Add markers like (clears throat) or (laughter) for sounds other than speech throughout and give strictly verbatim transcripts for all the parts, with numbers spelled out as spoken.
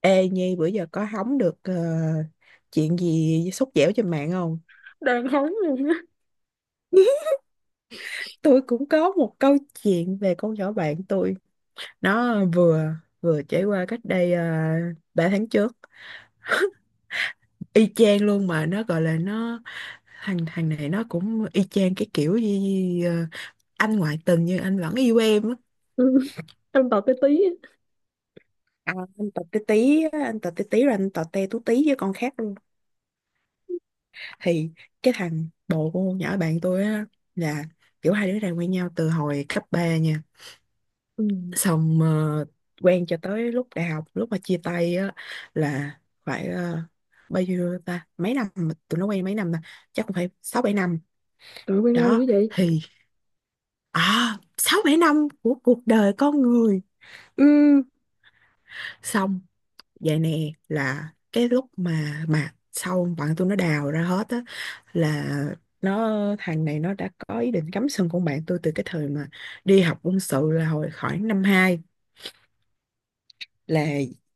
Ê Nhi bữa giờ có hóng được ờ, chuyện gì sốt dẻo trên mạng không? Đàn hóng luôn á. (laughs) Tôi cũng có một câu chuyện về con nhỏ bạn tôi. Nó vừa vừa trải qua cách đây uh, ba tháng trước. Y chang luôn mà nó gọi là nó thằng thằng này nó cũng y chang cái kiểu gì ờ, anh ngoại tình nhưng anh vẫn yêu em á. Ừ. Em tập cái tí á. À, anh tọt tí tí á, anh tọt tí tí rồi anh tọt te tú tí với con khác thì cái thằng bồ của con nhỏ bạn tôi á là kiểu hai đứa này quen nhau từ hồi cấp ba nha, Ừ. xong ờ, quen cho tới lúc đại học, lúc mà chia tay á là phải ờ, bao nhiêu ta, mấy năm mà tụi nó quen mấy năm ta, chắc cũng phải sáu bảy năm Trời, quen lâu dữ đó. vậy. Thì à, sáu bảy năm của cuộc đời con người, ừ. Xong vậy nè, là cái lúc mà mà sau bạn tôi nó đào ra hết á là nó, thằng này nó đã có ý định cắm sừng con bạn tôi từ cái thời mà đi học quân sự, là hồi khoảng năm hai. Là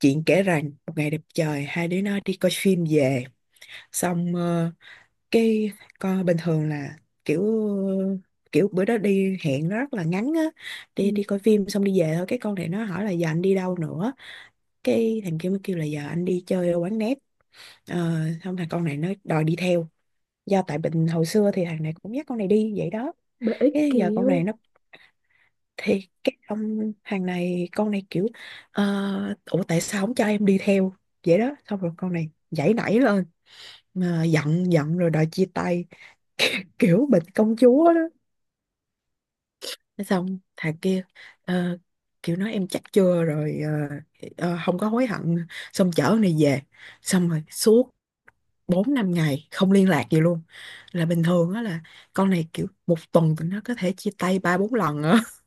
chuyện kể rằng một ngày đẹp trời, hai đứa nó đi coi phim về, xong ờ, cái coi bình thường là kiểu kiểu bữa đó đi hẹn nó rất là ngắn á, đi đi Ừ. coi phim xong đi về thôi, cái con này nó hỏi là giờ anh đi đâu nữa. Cái thằng kia mới kêu là giờ anh đi chơi ở quán net. Ờ, xong thằng con này nó đòi đi theo, do tại bệnh hồi xưa thì thằng này cũng dắt con này đi vậy đó. Bà ấy Cái giờ con kẹo. này nó, thì cái ông thằng này, con này kiểu ờ, ủa tại sao không cho em đi theo. Vậy đó xong rồi con này giãy nảy lên mà giận giận rồi đòi chia tay, kiểu bệnh công chúa đó. Xong thằng kia ờ, kiểu nói em chắc chưa rồi ờ, ờ, không có hối hận. Xong chở con này về, xong rồi suốt bốn năm ngày không liên lạc gì luôn. Là bình thường á là con này kiểu một tuần tụi nó có thể chia tay ba bốn lần á. (laughs)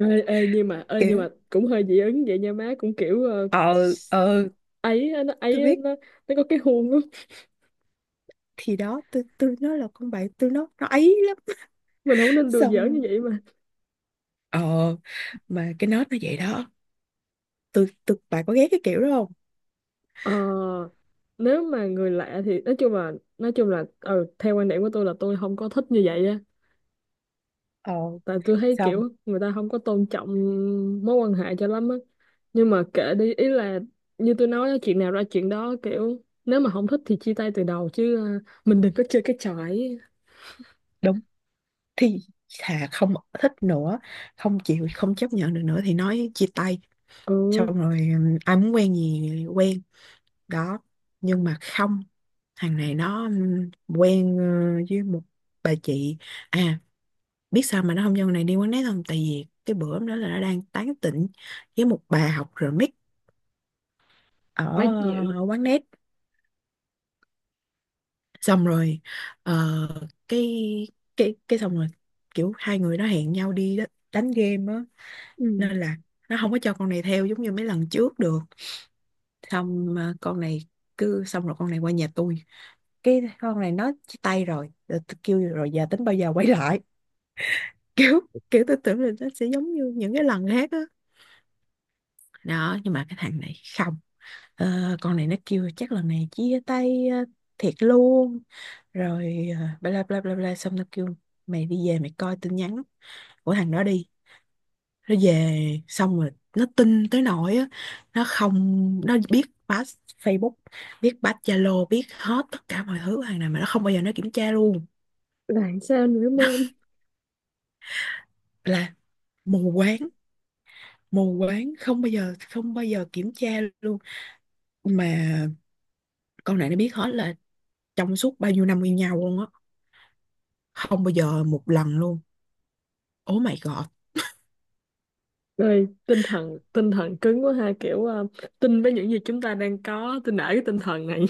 Ê, ê, nhưng mà ê, nhưng Kiểu mà cũng hơi dị ứng vậy nha má, cũng kiểu ờ, ờ ờ ấy á, nó tôi ấy á, biết. nó nó có cái huông á. Thì đó, tôi tôi nó là con bạn tôi, nó nó ấy lắm. Mình không nên đùa giỡn như Xong vậy mà. ờ mà cái nết nó vậy đó. Tôi tôi bạn có ghét cái kiểu đó không? ờ, Nếu mà người lạ thì nói chung là nói chung là ừ, theo quan điểm của tôi là tôi không có thích như vậy á. Ờ Tại tôi thấy Xong kiểu người ta không có tôn trọng mối quan hệ cho lắm á, nhưng mà kệ đi, ý là như tôi nói á, chuyện nào ra chuyện đó, kiểu nếu mà không thích thì chia tay từ đầu chứ, à, mình đừng có chơi cái trò ấy. đúng thì thà không thích nữa, không chịu, không chấp nhận được nữa thì nói chia tay. Ừ. Xong rồi ừ, ai muốn quen gì quen đó, nhưng mà không, thằng này nó ừm, quen ờ, với một bà chị à. Biết sao mà nó không cho con này đi quán nét không, tại vì cái bữa hôm đó là nó đang tán tỉnh với một bà học remix ở, Quá dịu. ở quán nét. Xong rồi ờ, cái cái cái xong rồi kiểu hai người nó hẹn nhau đi đó, đánh game á, Ừ. nên là nó không có cho con này theo giống như mấy lần trước được. Xong ờ, con này cứ, xong rồi con này qua nhà tôi, cái con này nó chia tay rồi rồi tôi kêu rồi giờ tính bao giờ quay lại. (laughs) kiểu kiểu tôi tưởng là nó sẽ giống như những cái lần khác á đó. Nhưng mà cái thằng này không. Ờ, con này nó kêu chắc lần này chia tay ờ, thiệt luôn rồi ờ, bla bla bla bla bla. Xong nó kêu mày đi về mày coi tin nhắn của thằng đó đi. Nó về, xong rồi nó tin tới nỗi á, nó không, nó biết pass Facebook, biết pass Zalo, biết hết tất cả mọi thứ của thằng này mà nó không bao giờ nó kiểm tra luôn. Làm sao nữa mơm? Là mù quáng, mù quáng không bao giờ, không bao giờ kiểm tra luôn. Mà con này nó biết hết, là trong suốt bao nhiêu năm yêu nhau luôn á, không bao giờ một lần luôn. Oh my god. Rồi tinh thần tinh thần cứng quá ha, kiểu à, tin với những gì chúng ta đang có, tin, nể cái tinh thần này.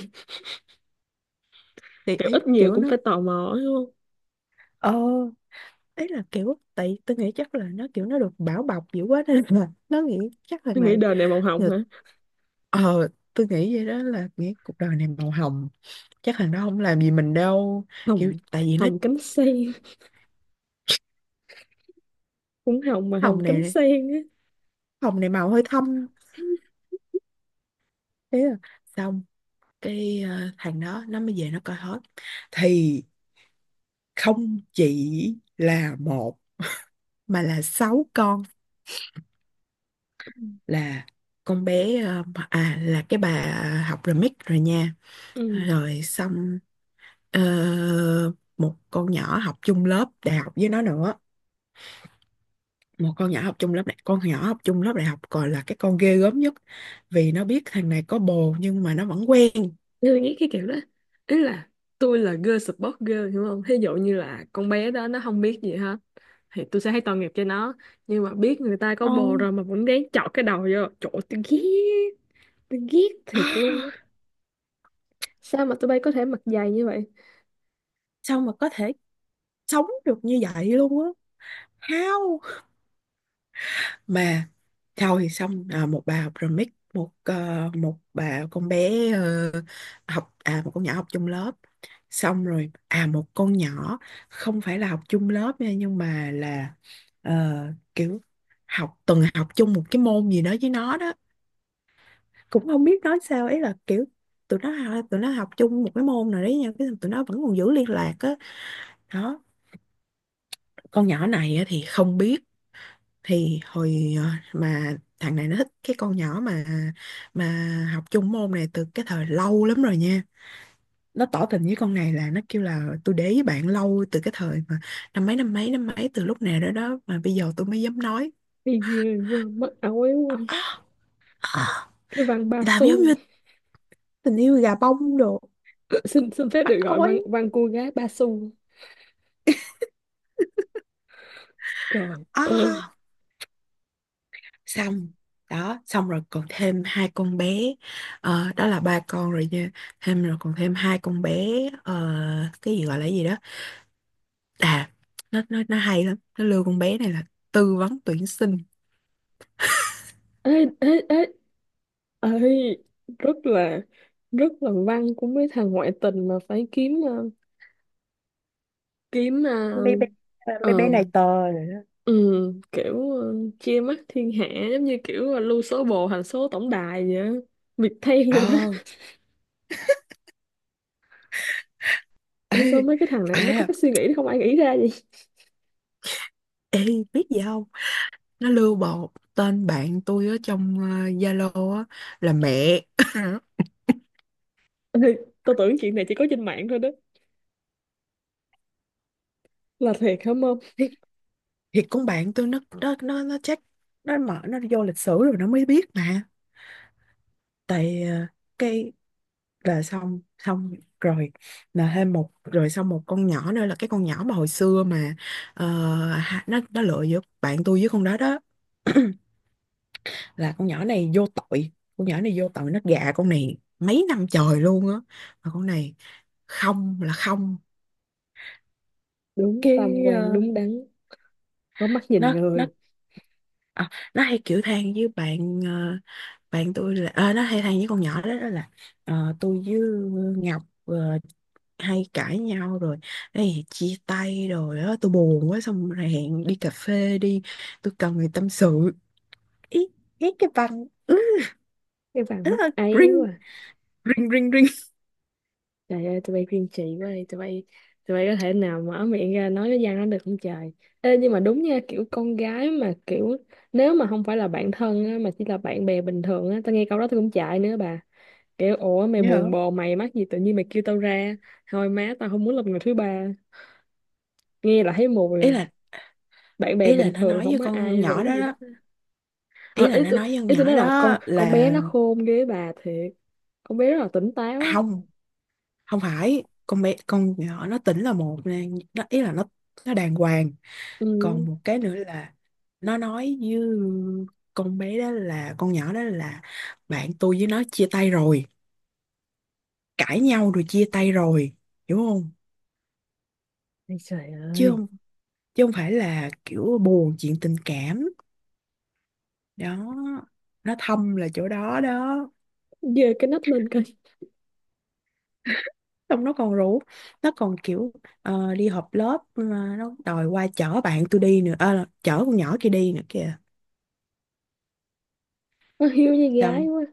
(laughs) Thì Kiểu ý ít nhiều kiểu cũng nó phải tò mò ấy, đúng không? ờ ấy, là kiểu tại tôi nghĩ chắc là nó kiểu, nó được bảo bọc dữ quá nên là nó nghĩ chắc thằng Tôi nghĩ này đời này màu hồng người- hả? ờ tôi nghĩ vậy đó, là nghĩ cuộc đời này màu hồng, chắc thằng đó không làm gì mình đâu kiểu. Hồng. Tại vì nó Hồng cánh sen. Cũng hồng mà hồng hồng cánh này, sen á. hồng này màu hơi thâm. Thế là xong, cái ờ, thằng đó nó mới về nó coi hết thì không chỉ là một mà là sáu con. Là con bé ờ, à, là cái bà học remix rồi nha. Ừ, Rồi xong ờ, một con nhỏ học chung lớp đại học với nó nữa, một con nhỏ học chung lớp đại con nhỏ học chung lớp đại học còn là cái con ghê gớm nhất, vì nó biết thằng này có bồ nhưng mà nó vẫn quen. tôi nghĩ cái kiểu đó, ý là tôi là girl support girl, hiểu không? Thí dụ như là con bé đó nó không biết gì hết thì tôi sẽ thấy tội nghiệp cho nó, nhưng mà biết người ta có Ồ, bồ rồi mà vẫn ráng chọt cái đầu vô chỗ, tôi ghét. Tôi ghét thiệt luôn á. (gasps) Sao mà tụi bay có thể mặc dày như vậy? sao mà có thể sống được như vậy luôn á, how. Mà thôi, xong à, một bà học remix, một ờ, một bà con bé ờ, học à, một con nhỏ học chung lớp. Xong rồi à, một con nhỏ không phải là học chung lớp nha, nhưng mà là ờ, kiểu học từng học chung một cái môn gì đó với nó đó. Cũng không biết nói sao ấy, là kiểu tụi nó tụi nó học chung một cái môn nào đấy nha, cái tụi nó vẫn còn giữ liên lạc á đó. Con nhỏ này á thì không biết, thì hồi ờ, mà thằng này nó thích cái con nhỏ mà mà học chung môn này từ cái thời lâu lắm rồi nha. Nó tỏ tình với con này là nó kêu là tôi để ý bạn lâu từ cái thời mà năm mấy, năm mấy, năm mấy, từ lúc nào đó đó mà bây giờ tôi mới dám nói. Thì ghê quá, mất áo quá. Cái văn (gasps) ba Làm giống xu. như tình yêu gà bông đồ, Xin xin phép bắt được gọi văn ói. văn cô gái ba xu. (laughs) Trời À. ơi. Xong đó, xong rồi còn thêm hai con bé. Ờ, đó là ba con rồi nha, thêm rồi còn thêm hai con bé. ờ, cái gì gọi là cái gì đó à, nó nó nó hay lắm, nó lừa con bé này là tư vấn tuyển sinh. Ê, ê, ê, ấy, rất là rất là văn của mấy thằng ngoại tình mà phải kiếm ờ, kiếm, à, Mấy bé à, mấy bé ờ, này to rồi đó. ừ, kiểu ờ, chia mắt thiên hạ, giống như kiểu là lưu số bồ thành số tổng đài vậy á. Việc thay (laughs) rồi đó. ờ Ôi, sao (laughs) mấy cái thằng này nó Ê có à, cái suy nghĩ đó, không ai nghĩ ra vậy. ê biết gì không, nó lưu bộ tên bạn tôi ở trong ờ, Zalo á là mẹ. (laughs) (laughs) Ê, tôi tưởng chuyện này chỉ có trên mạng thôi đó, là thiệt không? Không, thì, thì con bạn tôi nó nó nó nó check, nó mở nó vô lịch sử rồi nó mới biết mà. Tại ờ, cái là xong xong rồi là thêm một, rồi xong một con nhỏ nữa là cái con nhỏ mà hồi xưa mà ờ, ha- nó nó lựa giữa bạn tôi với con đó đó. (clears throat) Là con nhỏ này vô tội, con nhỏ này vô tội, nó gạ con này mấy năm trời luôn á mà con này không là không. đúng tam Cái quan ờ, đúng đắn, có mắt nhìn nó nó người. à, nó hay kiểu than với bạn ờ, bạn tôi, là ờ, nó hay than với con nhỏ đó, đó là ờ, tôi với Ngọc ờ, hay cãi nhau rồi. Ê, chia tay rồi á, tôi buồn quá, xong rồi hẹn đi cà phê đi, tôi cần người tâm sự. Ý, ý cái bằng. Cái vàng mắt (laughs) ấy. Ring ring ring ring. Trời ơi, tụi bay kiên trì quá đi, tụi bay tụi bay có thể nào mở miệng ra nói cái văn đó được không trời? Ê, nhưng mà đúng nha, kiểu con gái mà kiểu nếu mà không phải là bạn thân á, mà chỉ là bạn bè bình thường á, tao nghe câu đó tao cũng chạy nữa bà. Kiểu ủa, mày buồn Nhớ, bồ, mày mắc gì tự nhiên mày kêu tao ra. Thôi má, tao không muốn làm người thứ ba. Nghe là thấy mùi ý rồi. là Bạn bè ý là bình nó thường nói không với có con ai nhỏ rủ đó gì đó, hết. ý Ờ, ý là nó tôi nói với con ý tôi nói nhỏ là con đó con bé là nó khôn ghê bà thiệt. Con bé rất là tỉnh táo. không, không phải con bé, con nhỏ nó tỉnh là một nè, nó ý là nó nó đàng hoàng. Ừ. Còn một cái nữa là nó nói với con bé đó là, con nhỏ đó là bạn tôi với nó chia tay rồi, cãi nhau rồi, chia tay rồi, hiểu không, Ây trời chứ ơi. không chứ không phải là kiểu buồn chuyện tình cảm đó. Nó thâm là chỗ đó đó. Giơ cái nách lên coi. Xong nó còn rủ, nó còn kiểu ờ, đi họp lớp mà nó đòi qua chở bạn tôi đi nữa. Ờ, Chở con nhỏ kia đi nữa kìa. Nó hiếu như gái Xong quá.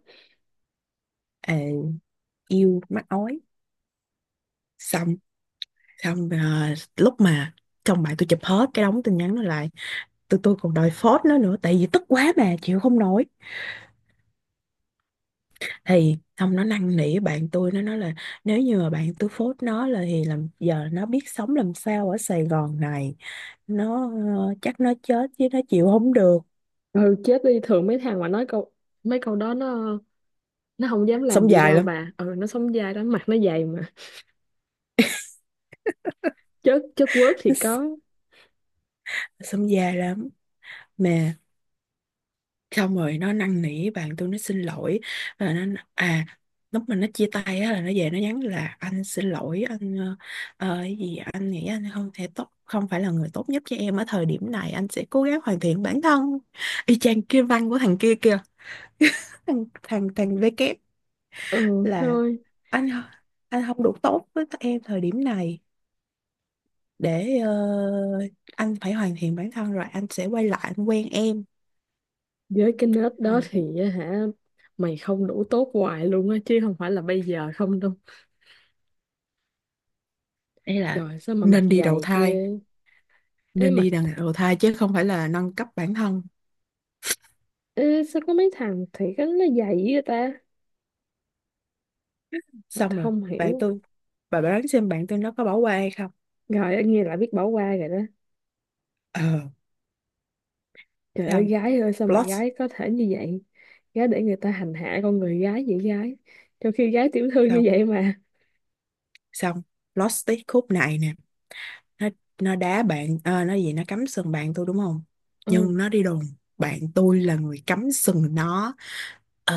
ờ, yêu mắc ói. Xong xong ờ, lúc mà chồng bạn tôi chụp hết cái đống tin nhắn nó lại, tụi tôi còn đòi phốt nó nữa tại vì tức quá mà chịu không nổi, thì xong nó năn nỉ bạn tôi, nó nói là nếu như mà bạn tôi phốt nó là, thì làm giờ nó biết sống làm sao ở Sài Gòn này, nó ờ, chắc nó chết chứ nó chịu không được. Ừ, chết đi. Thường mấy thằng mà nói câu mấy câu đó nó nó không dám làm Sống gì dài đâu lắm, bà. Ừ, nó sống dai đó, mặt nó dày mà. Chất chất quớt thì nó s- có. sống dài lắm mà. Xong rồi nó năn nỉ bạn tôi, nó xin lỗi, và nó à, lúc mà nó chia tay á là nó về nó nhắn là anh xin lỗi, anh ờ, ờ, cái gì anh nghĩ anh không thể tốt, không phải là người tốt nhất cho em ở thời điểm này, anh sẽ cố gắng hoàn thiện bản thân. Y chang kia, văn của thằng kia kìa, thằng thằng thằng V kép, Ừ là thôi, anh anh không đủ tốt với tụi em thời điểm này, để ờ, anh phải hoàn thiện bản thân rồi anh sẽ quay lại anh quen em. với cái nết Không đó mày, thì á hả? Mày không đủ tốt hoài luôn á, chứ không phải là bây giờ không đâu. ấy là Trời, sao mà mặt nên đi đầu dày thai, ghê. ê nên mặt đi đằng đầu thai chứ không phải là nâng cấp bản thân. ê sao có mấy thằng thì cái nó dày vậy ta? Xong rồi Không bạn hiểu. tôi, bà đoán xem bạn tôi nó có bỏ qua hay không. Rồi nghe lại biết bỏ qua rồi đó. ờ Trời ơi, Xong gái ơi, sao mà plot, gái có thể như vậy? Gái để người ta hành hạ con người gái vậy gái. Trong khi gái tiểu thư như xong vậy mà. xong plot twist khúc này nè. Nó nó đá bạn, à, nó gì, nó cắm sừng bạn tôi đúng không, Ừ. nhưng nó đi đồn bạn tôi là người cắm sừng nó. Ờ,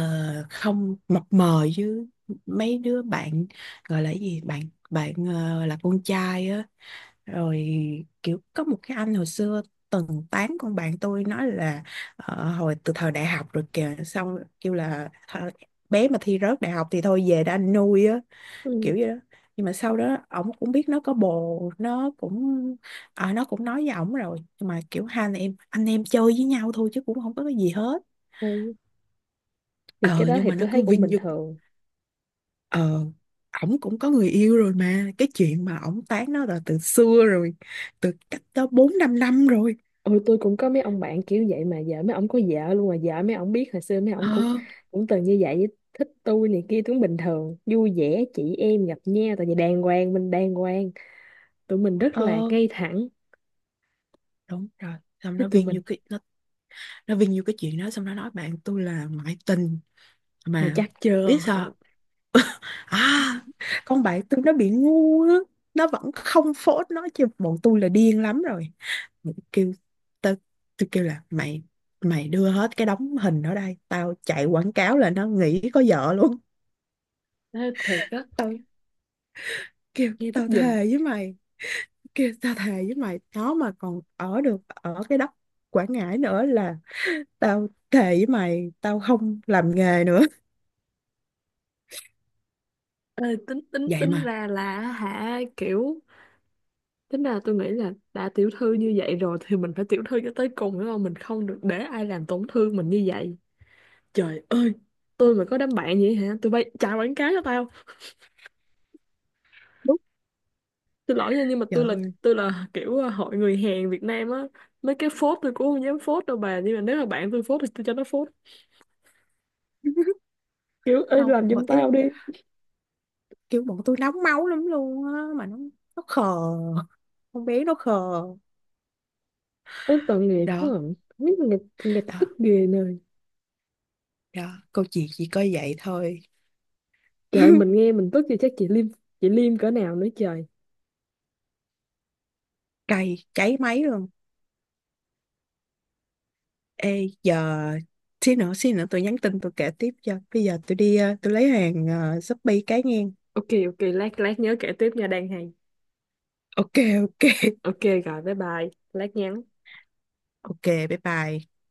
Không mập mờ chứ, mấy đứa bạn gọi là cái gì, bạn bạn ờ, là con trai á. Rồi kiểu có một cái anh hồi xưa từng tán con bạn tôi, nói là ờ, hồi từ thời đại học rồi kìa, xong kêu là "Thôi, bé mà thi rớt đại học thì thôi về đã anh nuôi á", Ừ. kiểu vậy đó. Nhưng mà sau đó ổng cũng biết nó có bồ, nó cũng à, nó cũng nói với ổng rồi, nhưng mà kiểu hai anh em, anh em chơi với nhau thôi chứ cũng không có cái gì hết. Ừ. Thì cái ờ đó nhưng thì mà nó tôi thấy cứ cũng vinh bình dung. thường. ờ Ổng cũng có người yêu rồi mà, cái chuyện mà ổng tán nó là từ xưa rồi, từ cách đó bốn năm năm rồi. Ừ, tôi cũng có mấy ông bạn kiểu vậy mà. Vợ mấy ông có vợ luôn mà. Vợ mấy ông biết hồi xưa mấy ờ ông cũng cũng từng như vậy. Thích tôi này kia cũng bình thường. Vui vẻ chị em gặp nhau. Tại vì đàng hoàng mình đàng hoàng. Tụi mình rất là ờ ngay thẳng. Đúng rồi. Xong Chứ nó tụi viên mình như cái nó nó viên như cái chuyện đó, xong nó nói bạn tôi là ngoại tình mày mà chắc chưa. biết sao. À, con bạn tôi nó bị ngu á, nó vẫn không phốt nó chứ bọn tôi là điên lắm rồi. Mình kêu tao, tôi kêu là mày mày đưa hết cái đống hình ở đây, tao chạy quảng cáo là nó nghĩ có vợ luôn. Thế thiệt á, Tao kêu nghe tức tao giùm. thề với mày, kêu tao thề với mày, nó mà còn ở được ở cái đất Quảng Ngãi nữa là tao thề với mày, tao không làm nghề nữa. Ê, tính tính Vậy tính mà. ra là hả, kiểu tính ra tôi nghĩ là đã tiểu thư như vậy rồi thì mình phải tiểu thư cho tới cùng, đúng không? Mình không được để ai làm tổn thương mình như vậy. Trời ơi, tôi mà có đám bạn vậy hả, tôi bay chào quảng cáo cho tao. Đúng. Xin lỗi nha, nhưng mà Trời tôi là ơi. tôi là kiểu ờ, hội người Hàn Việt Nam á. Mấy cái phốt tôi cũng không dám phốt đâu bà, nhưng mà nếu mà bạn tôi phốt thì tôi cho nó phốt. (laughs) Kiểu ơi, Không, làm giùm bởi tao đi. kiểu bọn tôi nóng máu lắm luôn á mà nó nó khờ, con bé nó khờ Ê, tội nghiệp quá đó. à. Không biết. Tội nghiệp, tội nghiệp, tôi Đó tức ghê nơi. đó, câu chuyện chỉ có vậy thôi. Trời, mình (laughs) nghe mình tức thì chắc chị Liêm, chị Liêm cỡ nào nữa trời. Cay cháy máy luôn. Ê giờ xí nữa, xí nữa tôi nhắn tin tôi kể tiếp cho, bây giờ tôi đi ờ, tôi lấy hàng ờ, Shopee cái nghe. Ok ok, lát lát nhớ kể tiếp nha, đang hay. Ok ok Ok. Rồi bye bye, lát nhắn. ok, bye bye.